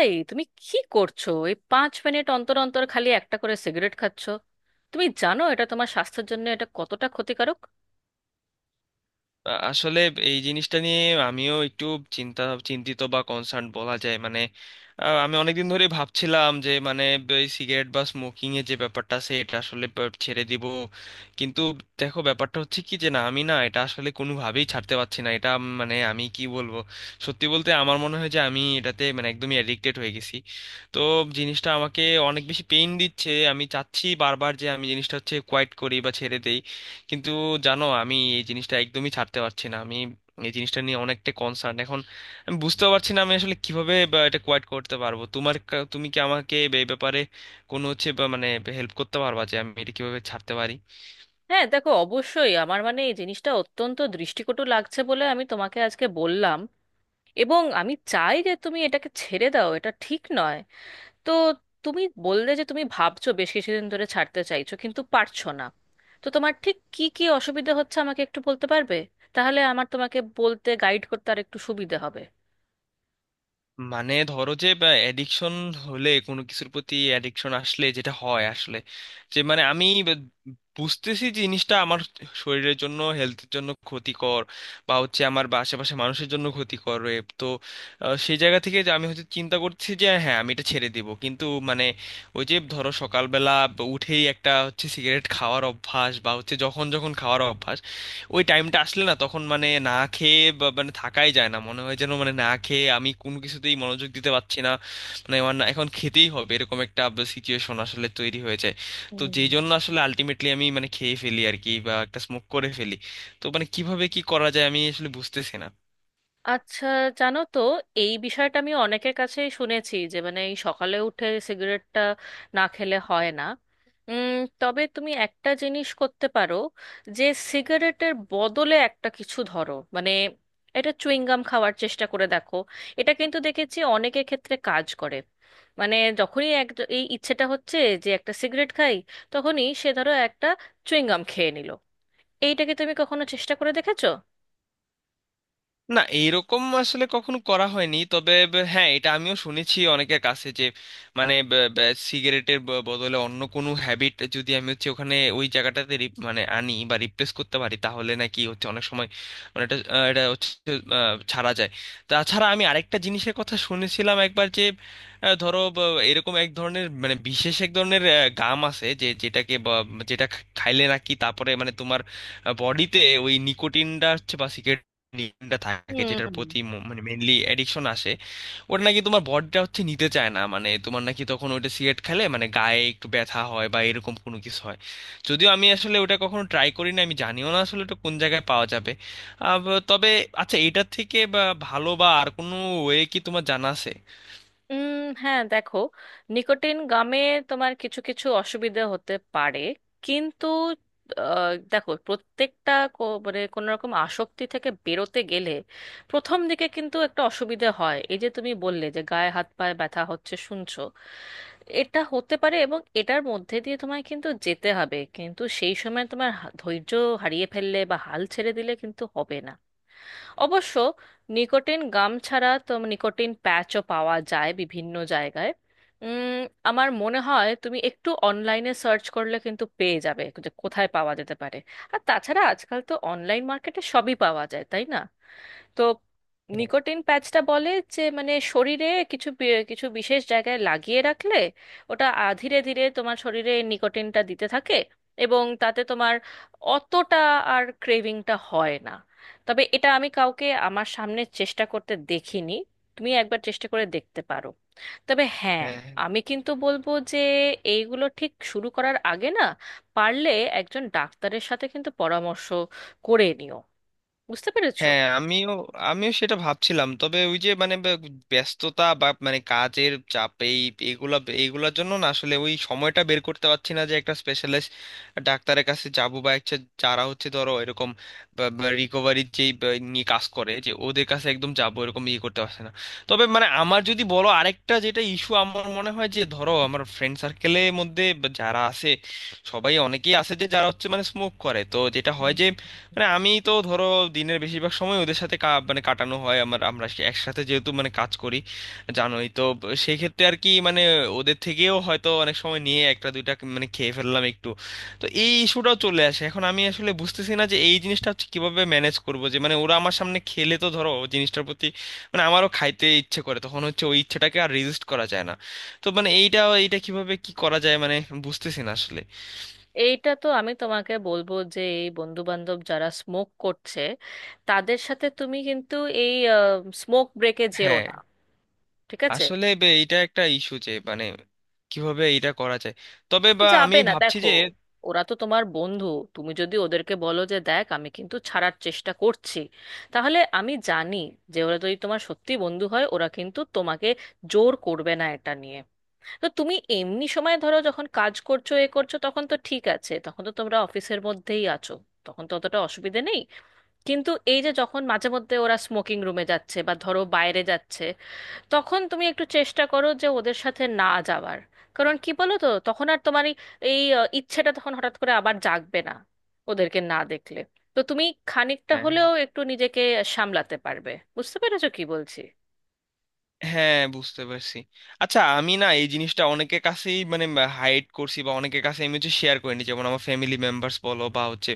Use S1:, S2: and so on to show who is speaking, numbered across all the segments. S1: এই তুমি কি করছো? এই 5 মিনিট অন্তর অন্তর খালি একটা করে সিগারেট খাচ্ছ? তুমি জানো এটা তোমার স্বাস্থ্যের জন্য এটা কতটা ক্ষতিকারক?
S2: আসলে এই জিনিসটা নিয়ে আমিও একটু চিন্তা চিন্তিত বা কনসার্ন বলা যায়। আমি অনেকদিন ধরে ভাবছিলাম যে এই সিগারেট বা স্মোকিং এর যে ব্যাপারটা আছে এটা আসলে ছেড়ে দিব। কিন্তু দেখো, ব্যাপারটা হচ্ছে কি যে না, আমি না এটা আসলে কোনোভাবেই ছাড়তে পারছি না। মানে আমি কি বলবো, সত্যি বলতে আমার মনে হয় যে আমি এটাতে মানে একদমই অ্যাডিক্টেড হয়ে গেছি। তো জিনিসটা আমাকে অনেক বেশি পেইন দিচ্ছে। আমি চাচ্ছি বারবার যে আমি জিনিসটা হচ্ছে কোয়াইট করি বা ছেড়ে দেই, কিন্তু জানো, আমি এই জিনিসটা একদমই ছাড়তে পারছি না। আমি এই জিনিসটা নিয়ে অনেকটা কনসার্ন এখন। আমি বুঝতেও পারছি না আমি আসলে কিভাবে বা এটা কোয়াইট করতে পারবো। তুমি কি আমাকে এই ব্যাপারে কোনো হচ্ছে বা মানে হেল্প করতে পারবা যে আমি এটা কিভাবে ছাড়তে পারি?
S1: হ্যাঁ, দেখো, অবশ্যই আমার, মানে, এই জিনিসটা অত্যন্ত দৃষ্টিকটু লাগছে বলে আমি তোমাকে আজকে বললাম। এবং আমি চাই যে তুমি এটাকে ছেড়ে দাও, এটা ঠিক নয়। তো তুমি বললে যে তুমি ভাবছো বেশ কিছুদিন ধরে ছাড়তে চাইছো কিন্তু পারছো না। তো তোমার ঠিক কি কি অসুবিধা হচ্ছে আমাকে একটু বলতে পারবে? তাহলে আমার তোমাকে বলতে, গাইড করতে আর একটু সুবিধা হবে।
S2: মানে ধরো যে অ্যাডিকশন হলে, কোনো কিছুর প্রতি অ্যাডিকশন আসলে যেটা হয় আসলে যে মানে বুঝতেছি যে জিনিসটা আমার শরীরের জন্য, হেলথের জন্য ক্ষতিকর বা হচ্ছে আমার বা আশেপাশে মানুষের জন্য ক্ষতিকর, এ তো। সেই জায়গা থেকে যে আমি হচ্ছে চিন্তা করছি যে হ্যাঁ, আমি এটা ছেড়ে দিব। কিন্তু মানে ওই যে ধরো সকালবেলা উঠেই একটা হচ্ছে সিগারেট খাওয়ার অভ্যাস বা হচ্ছে যখন যখন খাওয়ার অভ্যাস, ওই টাইমটা আসলে না, তখন মানে না খেয়ে মানে থাকাই যায় না মনে হয়, যেন মানে না খেয়ে আমি কোনো কিছুতেই মনোযোগ দিতে পারছি না। মানে আমার না এখন খেতেই হবে, এরকম একটা সিচুয়েশন আসলে তৈরি হয়ে যায়। তো যেই
S1: হুম।
S2: জন্য আসলে আলটিমেটলি আমি মানে খেয়ে ফেলি আর কি, বা একটা স্মোক করে ফেলি। তো মানে কিভাবে কি করা যায় আমি আসলে বুঝতেছি না।
S1: আচ্ছা, জানো তো, এই বিষয়টা আমি অনেকের কাছেই শুনেছি যে, মানে, এই সকালে উঠে সিগারেটটা না খেলে হয় না। উম, তবে তুমি একটা জিনিস করতে পারো, যে সিগারেটের বদলে একটা কিছু, ধরো মানে, এটা চুইংগাম খাওয়ার চেষ্টা করে দেখো। এটা কিন্তু দেখেছি অনেকের ক্ষেত্রে কাজ করে। মানে যখনই এক, এই ইচ্ছেটা হচ্ছে যে একটা সিগারেট খাই, তখনই সে ধরো একটা চুইংগাম খেয়ে নিল। এইটাকে তুমি কখনো চেষ্টা করে দেখেছো?
S2: না, এইরকম আসলে কখনো করা হয়নি। তবে হ্যাঁ, এটা আমিও শুনেছি অনেকের কাছে যে মানে সিগারেটের বদলে অন্য কোনো হ্যাবিট যদি আমি হচ্ছে ওখানে ওই জায়গাটাতে মানে আনি বা রিপ্লেস করতে পারি, তাহলে নাকি হচ্ছে অনেক সময় এটা হচ্ছে ছাড়া যায়। তাছাড়া আমি আরেকটা জিনিসের কথা শুনেছিলাম একবার যে ধরো, এরকম এক ধরনের মানে বিশেষ এক ধরনের গাম আছে যে যেটা খাইলে নাকি তারপরে মানে তোমার বডিতে ওই নিকোটিনটা হচ্ছে বা cigarette নিকোটিনটা থাকে, যেটার
S1: হুম।
S2: প্রতি মানে মেনলি অ্যাডিকশন আসে, ওটা নাকি তোমার বডিটা হচ্ছে নিতে চায় না। মানে তোমার নাকি তখন ওটা সিগারেট খেলে মানে গায়ে একটু ব্যথা হয় বা এরকম কোনো কিছু হয়। যদিও আমি আসলে ওটা কখনো ট্রাই করি না, আমি জানিও না আসলে ওটা কোন জায়গায় পাওয়া যাবে। তবে আচ্ছা, এটার থেকে বা ভালো বা আর কোনো ওয়ে কি তোমার জানা আছে?
S1: উম হ্যাঁ, দেখো, নিকোটিন গামে তোমার কিছু কিছু অসুবিধা হতে পারে, কিন্তু দেখো, প্রত্যেকটা মানে কোনো রকম আসক্তি থেকে বেরোতে গেলে প্রথম দিকে কিন্তু একটা অসুবিধা হয়। এই যে তুমি বললে যে গায়ে হাত পায়ে ব্যথা হচ্ছে শুনছো, এটা হতে পারে এবং এটার মধ্যে দিয়ে তোমায় কিন্তু যেতে হবে। কিন্তু সেই সময় তোমার ধৈর্য হারিয়ে ফেললে বা হাল ছেড়ে দিলে কিন্তু হবে না। অবশ্য নিকোটিন গাম ছাড়া তো নিকোটিন প্যাচও পাওয়া যায় বিভিন্ন জায়গায়। উম, আমার মনে হয় তুমি একটু অনলাইনে সার্চ করলে কিন্তু পেয়ে যাবে যে কোথায় পাওয়া যেতে পারে। আর তাছাড়া আজকাল তো অনলাইন মার্কেটে সবই পাওয়া যায়, তাই না? তো নিকোটিন প্যাচটা বলে যে, মানে, শরীরে কিছু বিশেষ জায়গায় লাগিয়ে রাখলে ওটা ধীরে ধীরে তোমার শরীরে এই নিকোটিনটা দিতে থাকে, এবং তাতে তোমার অতটা আর ক্রেভিংটা হয় না। তবে এটা আমি কাউকে আমার সামনে চেষ্টা করতে দেখিনি। তুমি একবার চেষ্টা করে দেখতে পারো। তবে হ্যাঁ,
S2: হ্যাঁ,
S1: আমি কিন্তু বলবো যে এইগুলো ঠিক শুরু করার আগে না, পারলে একজন ডাক্তারের সাথে কিন্তু পরামর্শ করে নিও। বুঝতে পেরেছো?
S2: হ্যাঁ, আমিও, আমিও সেটা ভাবছিলাম। তবে ওই যে মানে ব্যস্ততা বা মানে কাজের চাপ, এই এগুলা এগুলার জন্য না আসলে ওই সময়টা বের করতে পারছি না যে একটা স্পেশালিস্ট ডাক্তারের কাছে যাব, বা একটা যারা হচ্ছে ধরো এরকম রিকভারির নিয়ে কাজ করে যে ওদের কাছে একদম যাবো, এরকম ইয়ে করতে পারছে না। তবে মানে আমার যদি বলো, আরেকটা যেটা ইস্যু আমার মনে হয় যে ধরো আমার ফ্রেন্ড সার্কেলের মধ্যে বা যারা আছে, অনেকেই আছে যে যারা হচ্ছে মানে স্মোক করে। তো যেটা হয় যে মানে আমি তো ধরো দিনের বেশিরভাগ সময় ওদের সাথে মানে কাটানো হয় আমার, আমরা একসাথে যেহেতু মানে কাজ করি, জানোই তো সেই ক্ষেত্রে আর কি। মানে ওদের থেকেও হয়তো অনেক সময় নিয়ে একটা দুইটা মানে খেয়ে ফেললাম একটু। তো এই ইস্যুটাও চলে আসে। এখন আমি আসলে বুঝতেছি না যে এই জিনিসটা হচ্ছে কিভাবে ম্যানেজ করব, যে মানে ওরা আমার সামনে খেলে তো ধরো জিনিসটার প্রতি মানে আমারও খাইতে ইচ্ছে করে। তখন হচ্ছে ওই ইচ্ছেটাকে আর রেজিস্ট করা যায় না। তো মানে এইটা এইটা কিভাবে কি করা যায় মানে বুঝতেছি না আসলে।
S1: এইটা তো আমি তোমাকে বলবো যে এই বন্ধু বান্ধব যারা স্মোক করছে তাদের সাথে তুমি কিন্তু এই স্মোক ব্রেকে যেও
S2: হ্যাঁ,
S1: না। ঠিক আছে?
S2: আসলে বে এটা একটা ইস্যু যে মানে কিভাবে এটা করা যায়। তবে বা আমি
S1: যাবে না,
S2: ভাবছি
S1: দেখো,
S2: যে
S1: ওরা তো তোমার বন্ধু। তুমি যদি ওদেরকে বলো যে দেখ আমি কিন্তু ছাড়ার চেষ্টা করছি, তাহলে আমি জানি যে ওরা যদি তোমার সত্যি বন্ধু হয়, ওরা কিন্তু তোমাকে জোর করবে না এটা নিয়ে। তো তুমি এমনি সময়, ধরো যখন কাজ করছো এ করছো, তখন তো ঠিক আছে, তখন তো তোমরা অফিসের মধ্যেই আছো, তখন তো অতটা অসুবিধে নেই। কিন্তু এই যে যখন মাঝে মধ্যে ওরা স্মোকিং রুমে যাচ্ছে বা ধরো বাইরে যাচ্ছে, তখন তুমি একটু চেষ্টা করো যে ওদের সাথে না যাওয়ার। কারণ কি বলো তো, তখন আর তোমার এই এই, আহ, ইচ্ছেটা তখন হঠাৎ করে আবার জাগবে না, ওদেরকে না দেখলে। তো তুমি খানিকটা
S2: হ্যাঁ।
S1: হলেও একটু নিজেকে সামলাতে পারবে। বুঝতে পেরেছো কি বলছি?
S2: হ্যাঁ, বুঝতে পারছি। আচ্ছা, আমি না এই জিনিসটা অনেকের কাছেই মানে হাইড করছি বা অনেকের কাছে আমি হচ্ছে শেয়ার করিনি, যেমন আমার ফ্যামিলি মেম্বার্স বলো বা হচ্ছে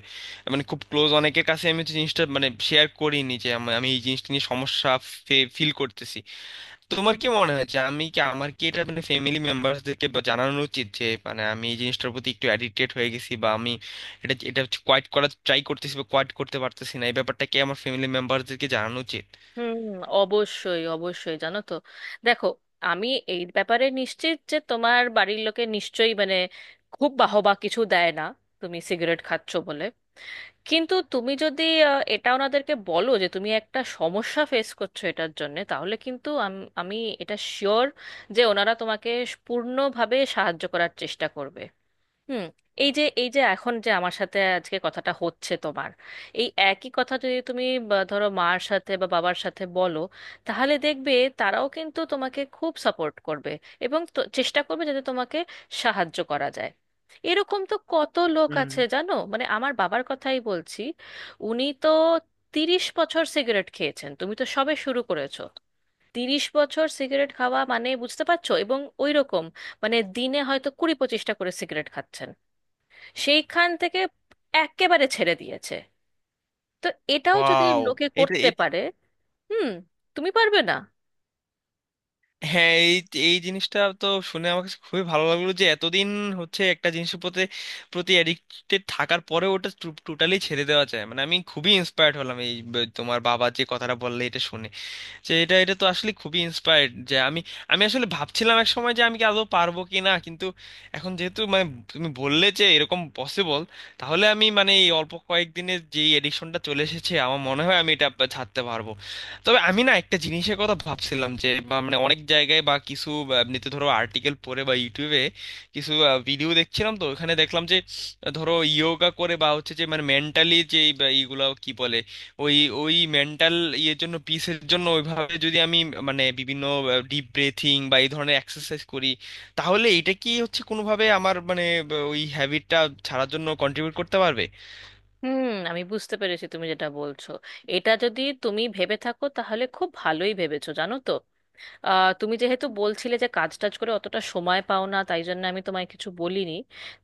S2: মানে খুব ক্লোজ অনেকের কাছে আমি হচ্ছে জিনিসটা মানে শেয়ার করিনি যে আমি আমি এই জিনিসটা নিয়ে সমস্যা ফিল করতেছি। তোমার কি মনে হয় যে আমি কি, আমার কি এটা মানে ফ্যামিলি মেম্বারসদেরকে জানানো উচিত যে মানে আমি এই জিনিসটার প্রতি একটু অ্যাডিক্টেড হয়ে গেছি বা আমি এটা এটা কোয়াইট করার ট্রাই করতেছি বা কোয়াইট করতে পারতেছি না, এই ব্যাপারটা কি আমার ফ্যামিলি মেম্বারসদেরকে জানানো উচিত?
S1: হুম। অবশ্যই অবশ্যই, জানো তো, দেখো, আমি এই ব্যাপারে নিশ্চিত যে তোমার বাড়ির লোকে নিশ্চয়ই, মানে, খুব বাহবা কিছু দেয় না তুমি সিগারেট খাচ্ছো বলে। কিন্তু তুমি যদি এটা ওনাদেরকে বলো যে তুমি একটা সমস্যা ফেস করছো এটার জন্যে, তাহলে কিন্তু আমি এটা শিওর যে ওনারা তোমাকে পূর্ণভাবে সাহায্য করার চেষ্টা করবে। হুম। এই যে এখন যে আমার সাথে আজকে কথাটা হচ্ছে তোমার, এই একই কথা যদি তুমি বা ধরো মার সাথে বা বাবার সাথে বলো, তাহলে দেখবে তারাও কিন্তু তোমাকে খুব সাপোর্ট করবে এবং চেষ্টা করবে যাতে তোমাকে সাহায্য করা যায়। এরকম তো কত লোক আছে, জানো, মানে আমার বাবার কথাই বলছি। উনি তো 30 বছর সিগারেট খেয়েছেন, তুমি তো সবে শুরু করেছো। তিরিশ বছর সিগারেট খাওয়া মানে বুঝতে পারছো, এবং ওই রকম, মানে দিনে হয়তো 20 25টা করে সিগারেট খাচ্ছেন। সেইখান থেকে একেবারে ছেড়ে দিয়েছে। তো এটাও যদি
S2: ওয়াও।
S1: লোকে
S2: এটা
S1: করতে
S2: এ-
S1: পারে, হুম, তুমি পারবে না?
S2: হ্যাঁ, এই এই জিনিসটা তো শুনে আমার কাছে খুবই ভালো লাগলো যে এতদিন হচ্ছে একটা জিনিসের প্রতি প্রতি অ্যাডিক্টেড থাকার পরে ওটা টোটালি ছেড়ে দেওয়া যায়। মানে আমি খুবই ইন্সপায়ার্ড হলাম এই তোমার বাবা যে কথাটা বললে এটা শুনে, যে এটা এটা তো আসলে খুবই ইন্সপায়ার্ড যে আমি, আমি আসলে ভাবছিলাম এক সময় যে আমি কি আদৌ পারবো কি না। কিন্তু এখন যেহেতু মানে তুমি বললে যে এরকম পসিবল, তাহলে আমি মানে এই অল্প কয়েকদিনে যেই এডিকশনটা চলে এসেছে আমার মনে হয় আমি এটা ছাড়তে পারবো। তবে আমি না একটা জিনিসের কথা ভাবছিলাম যে বা মানে অনেক জায়গায় বা কিছু বা এমনিতে ধরো আর্টিকেল পড়ে বা ইউটিউবে কিছু ভিডিও দেখছিলাম, তো ওখানে দেখলাম যে ধরো ইয়োগা করে বা হচ্ছে যে মানে মেন্টালি যে এইগুলা কি বলে, ওই ওই মেন্টাল ইয়ের জন্য, পিসের জন্য, ওইভাবে যদি আমি মানে বিভিন্ন ডিপ ব্রেথিং বা এই ধরনের এক্সারসাইজ করি, তাহলে এটা কি হচ্ছে কোনোভাবে আমার মানে ওই হ্যাবিটটা ছাড়ার জন্য কন্ট্রিবিউট করতে পারবে?
S1: হুম, আমি বুঝতে পেরেছি তুমি যেটা বলছো। এটা যদি তুমি ভেবে থাকো, তাহলে খুব ভালোই ভেবেছো, জানো তো। তুমি যেহেতু বলছিলে যে কাজ টাজ করে অতটা সময় পাও না, তাই জন্য আমি তোমায় কিছু বলিনি।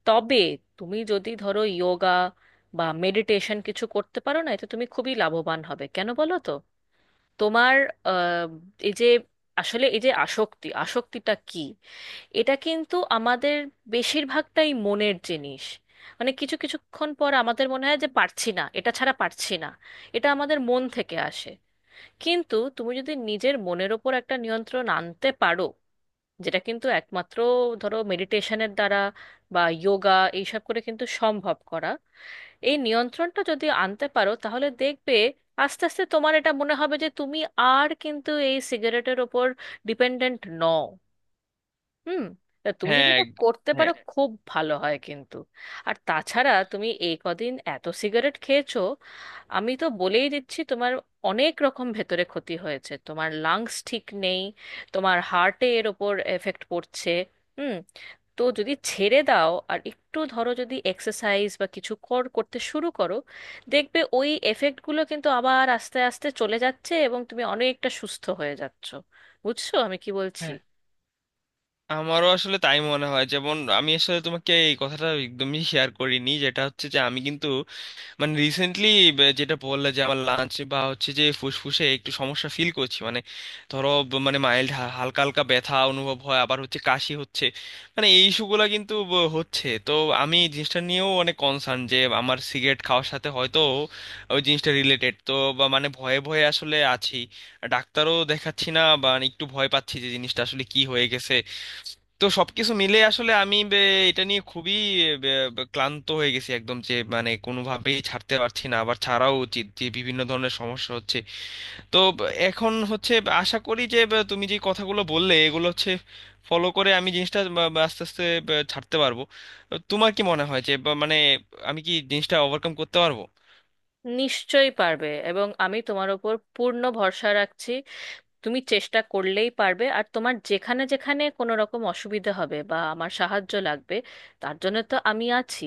S1: তবে তুমি যদি ধরো যোগা বা মেডিটেশন কিছু করতে পারো, না, এতে তুমি খুবই লাভবান হবে। কেন বলো তো? তোমার আহ, এই যে আসলে, এই যে, আসক্তিটা কি, এটা কিন্তু আমাদের বেশিরভাগটাই মনের জিনিস। মানে কিছু কিছুক্ষণ পর আমাদের মনে হয় যে পারছি না, এটা ছাড়া পারছি না। এটা আমাদের মন থেকে আসে। কিন্তু তুমি যদি নিজের মনের ওপর একটা নিয়ন্ত্রণ আনতে পারো, যেটা কিন্তু একমাত্র ধরো মেডিটেশনের দ্বারা বা যোগা এইসব করে কিন্তু সম্ভব করা, এই নিয়ন্ত্রণটা যদি আনতে পারো, তাহলে দেখবে আস্তে আস্তে তোমার এটা মনে হবে যে তুমি আর কিন্তু এই সিগারেটের ওপর ডিপেন্ডেন্ট নও। হুম। তা তুমি যদি
S2: হ্যাঁ
S1: এটা
S2: গ-
S1: করতে
S2: হ্যাঁ।
S1: পারো, খুব ভালো হয় কিন্তু। আর তাছাড়া তুমি এই কদিন এত সিগারেট খেয়েছো, আমি তো বলেই দিচ্ছি তোমার অনেক রকম ভেতরে ক্ষতি হয়েছে, তোমার লাংস ঠিক নেই, তোমার হার্টে এর ওপর এফেক্ট পড়ছে। হুম। তো যদি ছেড়ে দাও আর একটু ধরো যদি এক্সারসাইজ বা কিছু করতে শুরু করো, দেখবে ওই এফেক্টগুলো কিন্তু আবার আস্তে আস্তে চলে যাচ্ছে এবং তুমি অনেকটা সুস্থ হয়ে যাচ্ছ। বুঝছো আমি কি বলছি?
S2: হ্যাঁ, আমারও আসলে তাই মনে হয়। যেমন আমি আসলে তোমাকে এই কথাটা একদমই শেয়ার করিনি, যেটা হচ্ছে যে আমি কিন্তু মানে রিসেন্টলি, যেটা বললে, যে আমার লাঞ্চ বা হচ্ছে যে ফুসফুসে একটু সমস্যা ফিল করছি। মানে ধরো মানে মাইল্ড, হালকা হালকা ব্যথা অনুভব হয়, আবার হচ্ছে কাশি হচ্ছে, মানে এই ইস্যুগুলো কিন্তু হচ্ছে তো। আমি এই জিনিসটা নিয়েও অনেক কনসার্ন যে আমার সিগারেট খাওয়ার সাথে হয়তো ওই জিনিসটা রিলেটেড তো, বা মানে ভয়ে ভয়ে আসলে আছি। ডাক্তারও দেখাচ্ছি না, বা মানে একটু ভয় পাচ্ছি যে জিনিসটা আসলে কি হয়ে গেছে। তো সবকিছু মিলে আসলে এটা নিয়ে খুবই বে- বে- ক্লান্ত হয়ে গেছি একদম, যে মানে কোনোভাবেই ছাড়তে পারছি না, আবার ছাড়াও উচিত যে বিভিন্ন ধরনের সমস্যা হচ্ছে। তো এখন হচ্ছে আশা করি যে তুমি যে কথাগুলো বললে এগুলো হচ্ছে ফলো করে আমি জিনিসটা বা আস্তে আস্তে ছাড়তে পারবো। তোমার কি মনে হয় যে মানে আমি কি জিনিসটা ওভারকাম করতে পারবো?
S1: নিশ্চয়ই পারবে, এবং আমি তোমার ওপর পূর্ণ ভরসা রাখছি। তুমি চেষ্টা করলেই পারবে। আর তোমার যেখানে যেখানে কোনো রকম অসুবিধা হবে বা আমার সাহায্য লাগবে, তার জন্য তো আমি আছি।